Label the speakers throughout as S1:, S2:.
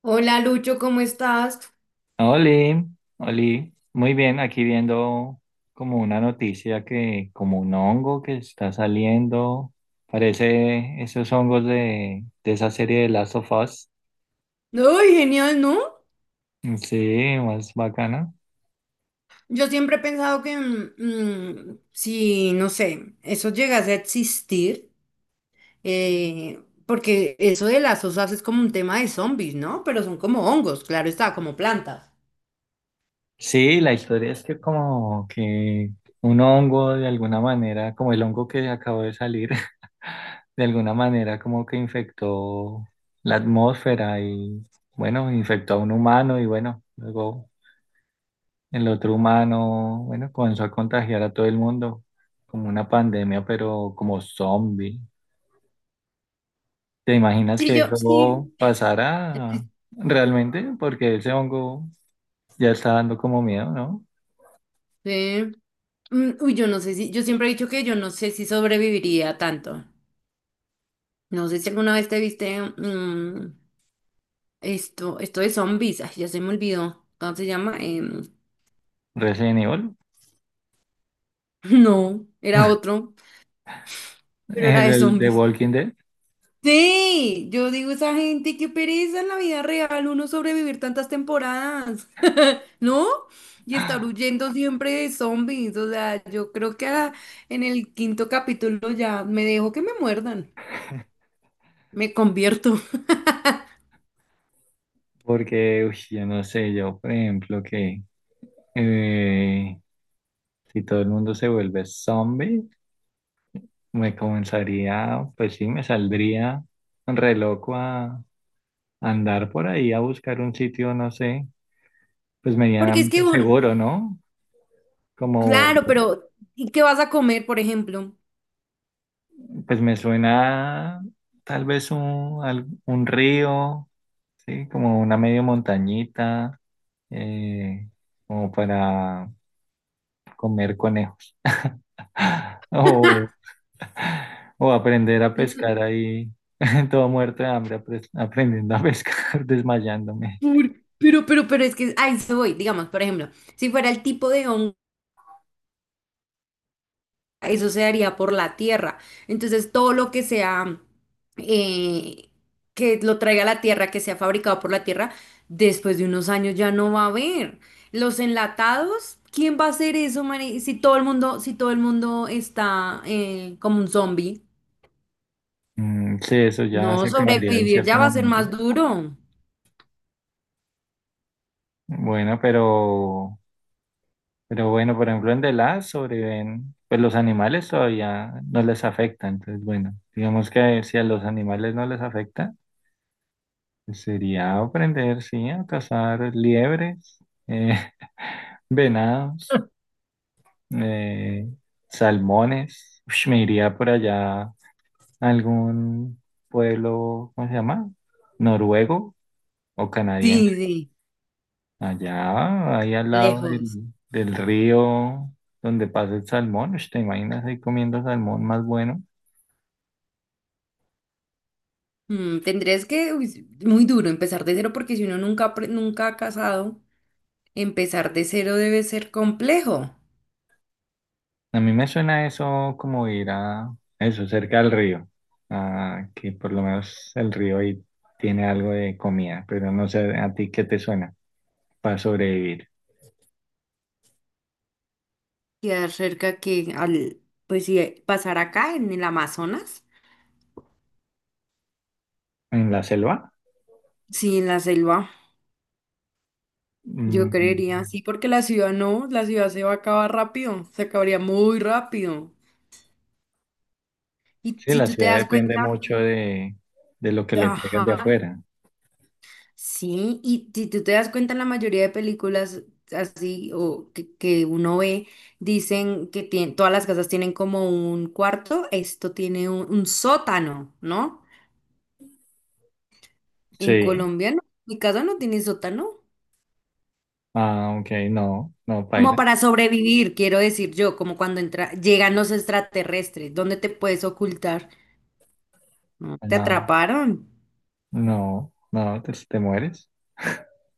S1: Hola Lucho, ¿cómo estás?
S2: Oli, Oli, muy bien, aquí viendo como una noticia que como un hongo que está saliendo, parece esos hongos de esa serie de Last of Us.
S1: Ay, genial, ¿no?
S2: Sí, más bacana.
S1: Yo siempre he pensado que si, no sé, eso llegase a existir, porque eso de las osas es como un tema de zombies, ¿no? Pero son como hongos, claro está, como plantas.
S2: Sí, la historia es que como que un hongo de alguna manera, como el hongo que acabó de salir, de alguna manera como que infectó la atmósfera y bueno, infectó a un humano y bueno, luego el otro humano, bueno, comenzó a contagiar a todo el mundo, como una pandemia, pero como zombie. ¿Te imaginas
S1: Sí,
S2: que
S1: yo, sí.
S2: eso pasara realmente? Porque ese hongo ya está dando como miedo, ¿no?
S1: Sí. Uy, yo no sé si, yo siempre he dicho que yo no sé si sobreviviría tanto. No sé si alguna vez te viste esto de zombies, ay, ya se me olvidó, ¿cómo se llama?
S2: Resident Evil.
S1: No, era otro, pero era
S2: el,
S1: de
S2: el de
S1: zombies.
S2: Walking Dead,
S1: Sí, yo digo esa gente, qué pereza en la vida real uno sobrevivir tantas temporadas, ¿no? Y estar huyendo siempre de zombies, o sea, yo creo que en el quinto capítulo ya me dejo que me muerdan, me convierto.
S2: porque uy, yo no sé, yo por ejemplo que eh, si todo el mundo se vuelve zombie, me comenzaría, pues sí, me saldría re loco a andar por ahí a buscar un sitio, no sé, pues
S1: Porque es que,
S2: medianamente seguro, ¿no? Como,
S1: claro, pero ¿y qué vas a comer, por ejemplo?
S2: pues me suena tal vez un, un río, ¿sí? Como una medio montañita, eh, como para comer conejos. O, o aprender a
S1: Mm,
S2: pescar ahí, todo muerto de hambre, aprendiendo a pescar, desmayándome.
S1: pero es que, ahí se voy, digamos, por ejemplo, si fuera el tipo de hongo. Eso se daría por la tierra. Entonces, todo lo que sea, eh, que lo traiga la tierra, que sea fabricado por la tierra, después de unos años ya no va a haber. Los enlatados, ¿quién va a hacer eso, Mari? Si todo el mundo está como un zombie,
S2: Mm, sí, eso ya
S1: no
S2: se acabaría en
S1: sobrevivir
S2: cierto
S1: ya va a ser más
S2: momento.
S1: duro.
S2: Bueno, pero... Pero bueno, por ejemplo, en The Last sobreviven, pues los animales todavía no les afecta. Entonces, bueno, digamos que si a los animales no les afecta, pues sería aprender, sí, a cazar liebres, venados, eh, salmones. Ush, me iría por allá a algún pueblo, ¿cómo se llama? Noruego o canadiense.
S1: Sí, sí,
S2: Allá, ahí al lado
S1: lejos.
S2: del río donde pasa el salmón, ush, ¿te imaginas ahí comiendo salmón más bueno?
S1: Tendrías que, uy, muy duro, empezar de cero, porque si uno nunca, nunca ha casado, empezar de cero debe ser complejo.
S2: A mí me suena eso como ir a eso, cerca del río, ah, que por lo menos el río ahí tiene algo de comida, pero no sé a ti qué te suena para sobrevivir.
S1: Queda cerca que al, pues sí, pasar acá en el Amazonas.
S2: ¿En la selva?
S1: Sí, en la selva, yo
S2: Mm,
S1: creería, sí, porque la ciudad no, la ciudad se va a acabar rápido, se acabaría muy rápido. Y
S2: sí,
S1: si
S2: la
S1: tú te
S2: ciudad
S1: das
S2: depende
S1: cuenta,
S2: mucho de lo que le traigan de
S1: ajá,
S2: afuera.
S1: sí, y si tú te das cuenta, la mayoría de películas así o que uno ve, dicen que todas las casas tienen como un cuarto, esto tiene un sótano, ¿no? En
S2: Sí.
S1: Colombia no, mi casa no tiene sótano.
S2: Ah, ok, no, no,
S1: Como
S2: paila.
S1: para sobrevivir, quiero decir yo, como cuando llegan los extraterrestres, ¿dónde te puedes ocultar? No, ¿Te
S2: Ah,
S1: atraparon?
S2: no, no, te mueres.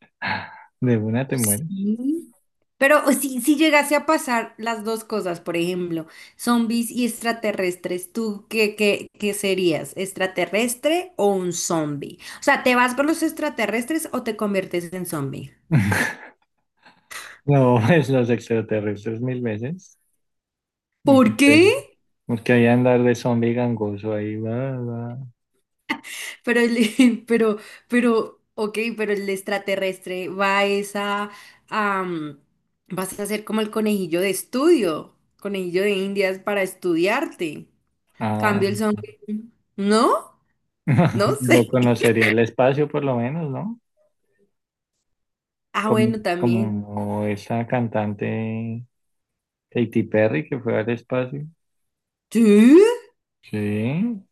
S2: De una te mueres.
S1: Sí. Pero o si llegase a pasar las dos cosas, por ejemplo, zombies y extraterrestres, ¿tú qué serías? ¿Extraterrestre o un zombie? O sea, ¿te vas con los extraterrestres o te conviertes en zombie?
S2: No, es los extraterrestres mil veces.
S1: ¿Por
S2: Porque,
S1: qué?
S2: porque ahí andar de zombie gangoso ahí, va, va.
S1: Pero el, pero, ok, pero el extraterrestre va a esa, am, vas a ser como el conejillo de estudio, conejillo de Indias para estudiarte.
S2: Ah,
S1: Cambio el zombie. ¿No? No sé.
S2: pero conocería el espacio por lo menos, ¿no?
S1: Ah,
S2: Como,
S1: bueno, también.
S2: como esa cantante Katy Perry que fue al espacio.
S1: ¿Sí?
S2: Sí,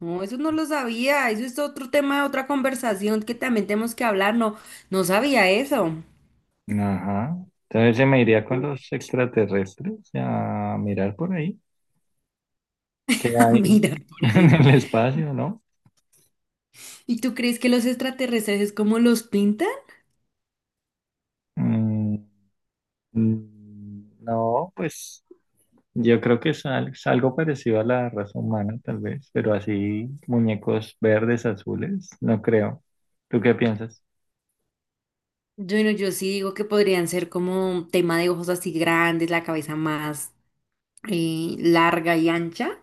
S1: No, eso no lo sabía. Eso es otro tema de otra conversación que también tenemos que hablar. No, no sabía eso.
S2: ajá. Entonces se me iría con los extraterrestres a mirar por ahí, qué hay
S1: Mira por
S2: en
S1: ahí.
S2: el espacio, ¿no?
S1: ¿Y tú crees que los extraterrestres es como los pintan?
S2: Mm, mm, no, pues yo creo que es, es algo parecido a la raza humana, tal vez, pero así muñecos verdes, azules, no creo. ¿Tú qué piensas?
S1: Yo, no- yo sí digo que podrían ser como tema de ojos así grandes, la cabeza más larga y ancha.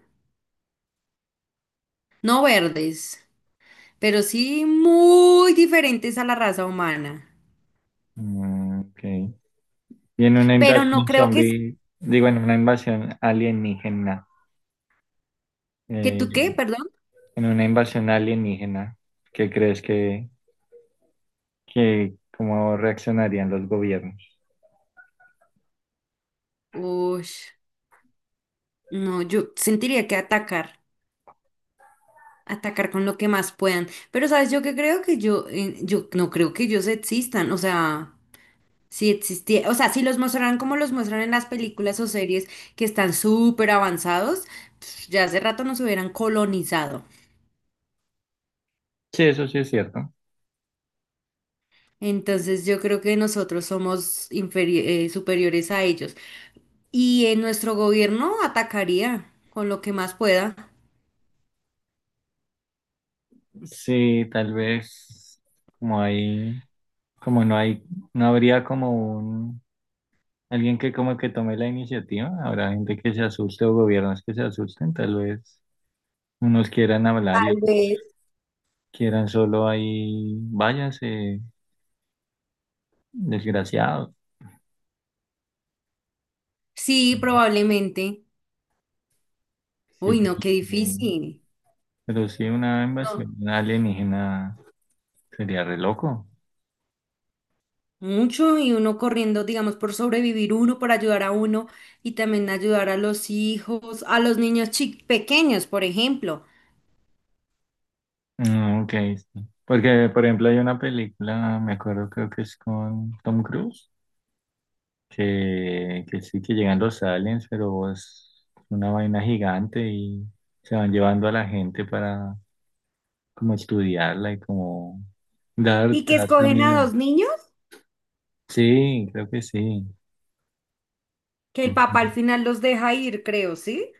S1: No verdes, pero sí muy diferentes a la raza humana.
S2: Mm, ok. Y en una
S1: Pero no
S2: invasión
S1: creo que,
S2: zombie, digo, en una invasión alienígena, eh,
S1: tú qué, perdón.
S2: en una invasión alienígena, ¿qué crees que cómo reaccionarían los gobiernos?
S1: Uy, no, yo sentiría que atacar con lo que más puedan. Pero sabes, yo que creo que yo no creo que ellos existan. O sea. Si existía, o sea, si los mostraran como los muestran en las películas o series que están súper avanzados, ya hace rato nos hubieran colonizado.
S2: Sí, eso sí es cierto.
S1: Entonces yo creo que nosotros somos superiores a ellos. Y en nuestro gobierno atacaría con lo que más pueda.
S2: Sí, tal vez como hay como no hay, no habría como un, alguien que como que tome la iniciativa, habrá gente que se asuste o gobiernos que se asusten, tal vez unos quieran hablar y
S1: Tal
S2: otros
S1: vez.
S2: quieran solo ahí, váyanse, desgraciados. Sí,
S1: Sí, probablemente.
S2: pero
S1: Uy, no, qué
S2: sí,
S1: difícil.
S2: pero sí, una invasión alienígena sería re loco.
S1: Mucho y uno corriendo, digamos, por sobrevivir uno, por ayudar a uno y también ayudar a los hijos, a los niños pequeños, por ejemplo,
S2: Mm, ok, sí. Porque, por ejemplo, hay una película, me acuerdo, creo que es con Tom Cruise, que sí, que llegan los aliens, pero es una vaina gigante y se van llevando a la gente para como estudiarla y como dar,
S1: y que
S2: dar
S1: escogen a
S2: también.
S1: dos niños
S2: Sí, creo que sí.
S1: que el
S2: Ujú.
S1: papá al final los deja ir, creo, ¿sí?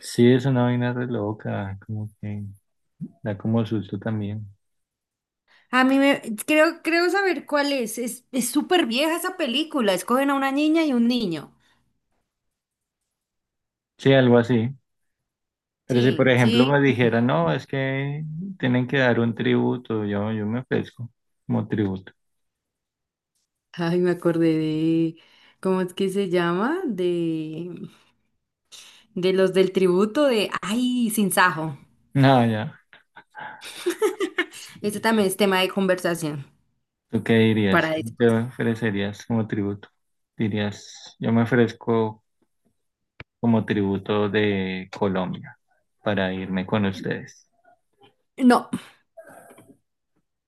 S2: Sí, es una vaina re loca, como que da como susto también.
S1: A mí creo saber cuál es. Es súper vieja esa película. Escogen a una niña y un niño.
S2: Sí, algo así. Pero si por
S1: Sí,
S2: ejemplo
S1: sí.
S2: me dijera no, es que tienen que dar un tributo, yo me ofrezco como tributo.
S1: Ay, me acordé de, ¿cómo es que se llama? De los del tributo de, ay, Sinsajo.
S2: No, ya.
S1: Ese también es tema de conversación.
S2: ¿Tú qué
S1: Para
S2: dirías? ¿Te
S1: después.
S2: ofrecerías como tributo? Dirías, yo me ofrezco como tributo de Colombia para irme con ustedes.
S1: No,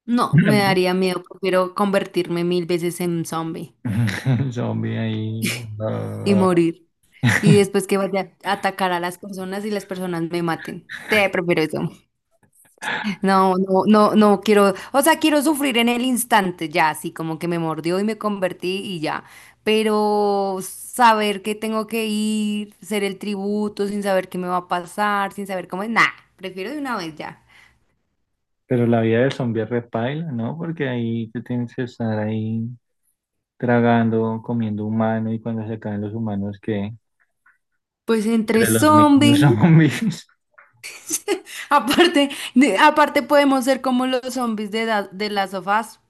S1: no, me
S2: ¿No?
S1: daría miedo. Prefiero convertirme mil veces en zombie
S2: El zombie ahí.
S1: y
S2: Ah,
S1: morir. Y después que vaya a atacar a las personas y las personas me maten. Sí, prefiero eso. No, no, no, no quiero. O sea, quiero sufrir en el instante ya, así como que me mordió y me convertí y ya. Pero saber que tengo que ir, ser el tributo sin saber qué me va a pasar, sin saber cómo es. Nah, prefiero de una vez ya.
S2: pero la vida del zombie es repaila, ¿no? Porque ahí te tienes que estar ahí tragando, comiendo humano y cuando se acaban los humanos, que...
S1: Pues entre
S2: Entre los mismos
S1: zombies.
S2: zombies.
S1: Aparte, aparte podemos ser como los zombies de, de las sofás,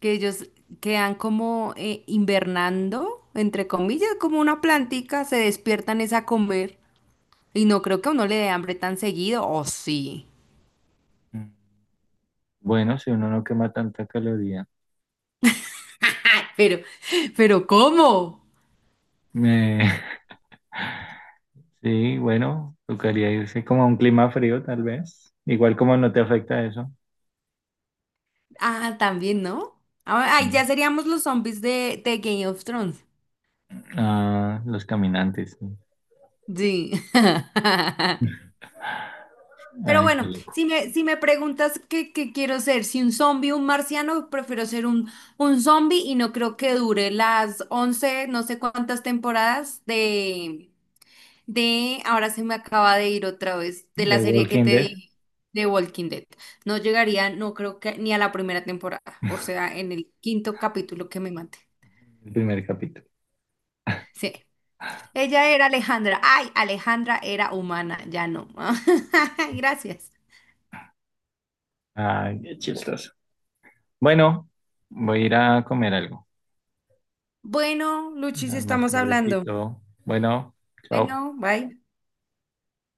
S1: que ellos quedan como invernando, entre comillas, como una plantica, se despiertan es a comer. Y no creo que a uno le dé hambre tan seguido, o sí.
S2: Bueno, si uno no quema tanta caloría.
S1: Pero, pero ¿cómo?
S2: Me- sí, bueno, tocaría irse como a un clima frío, tal vez. Igual como no te afecta eso.
S1: Ah, también, ¿no? Ah, Ay,
S2: Mm.
S1: ya seríamos los zombies de, Game of Thrones.
S2: Ah, los caminantes, sí.
S1: Sí. Pero
S2: Ay, qué
S1: bueno,
S2: loco.
S1: si me preguntas qué quiero ser, si un zombie o un marciano, prefiero ser un zombie y no creo que dure las 11 no sé cuántas temporadas ahora se me acaba de ir otra vez, de la
S2: The
S1: serie que
S2: Walking
S1: te
S2: Dead,
S1: dije, de Walking Dead. No llegaría, no creo que ni a la primera temporada, o sea, en el quinto capítulo que me mate.
S2: el primer capítulo.
S1: Sí, ella era Alejandra. Ay, Alejandra era humana, ya no. Gracias.
S2: Ay, qué chistoso. Bueno, voy a ir a comer algo.
S1: Bueno, Luchi, si
S2: Más
S1: estamos hablando.
S2: tardecito. Bueno, chao.
S1: Bueno, bye.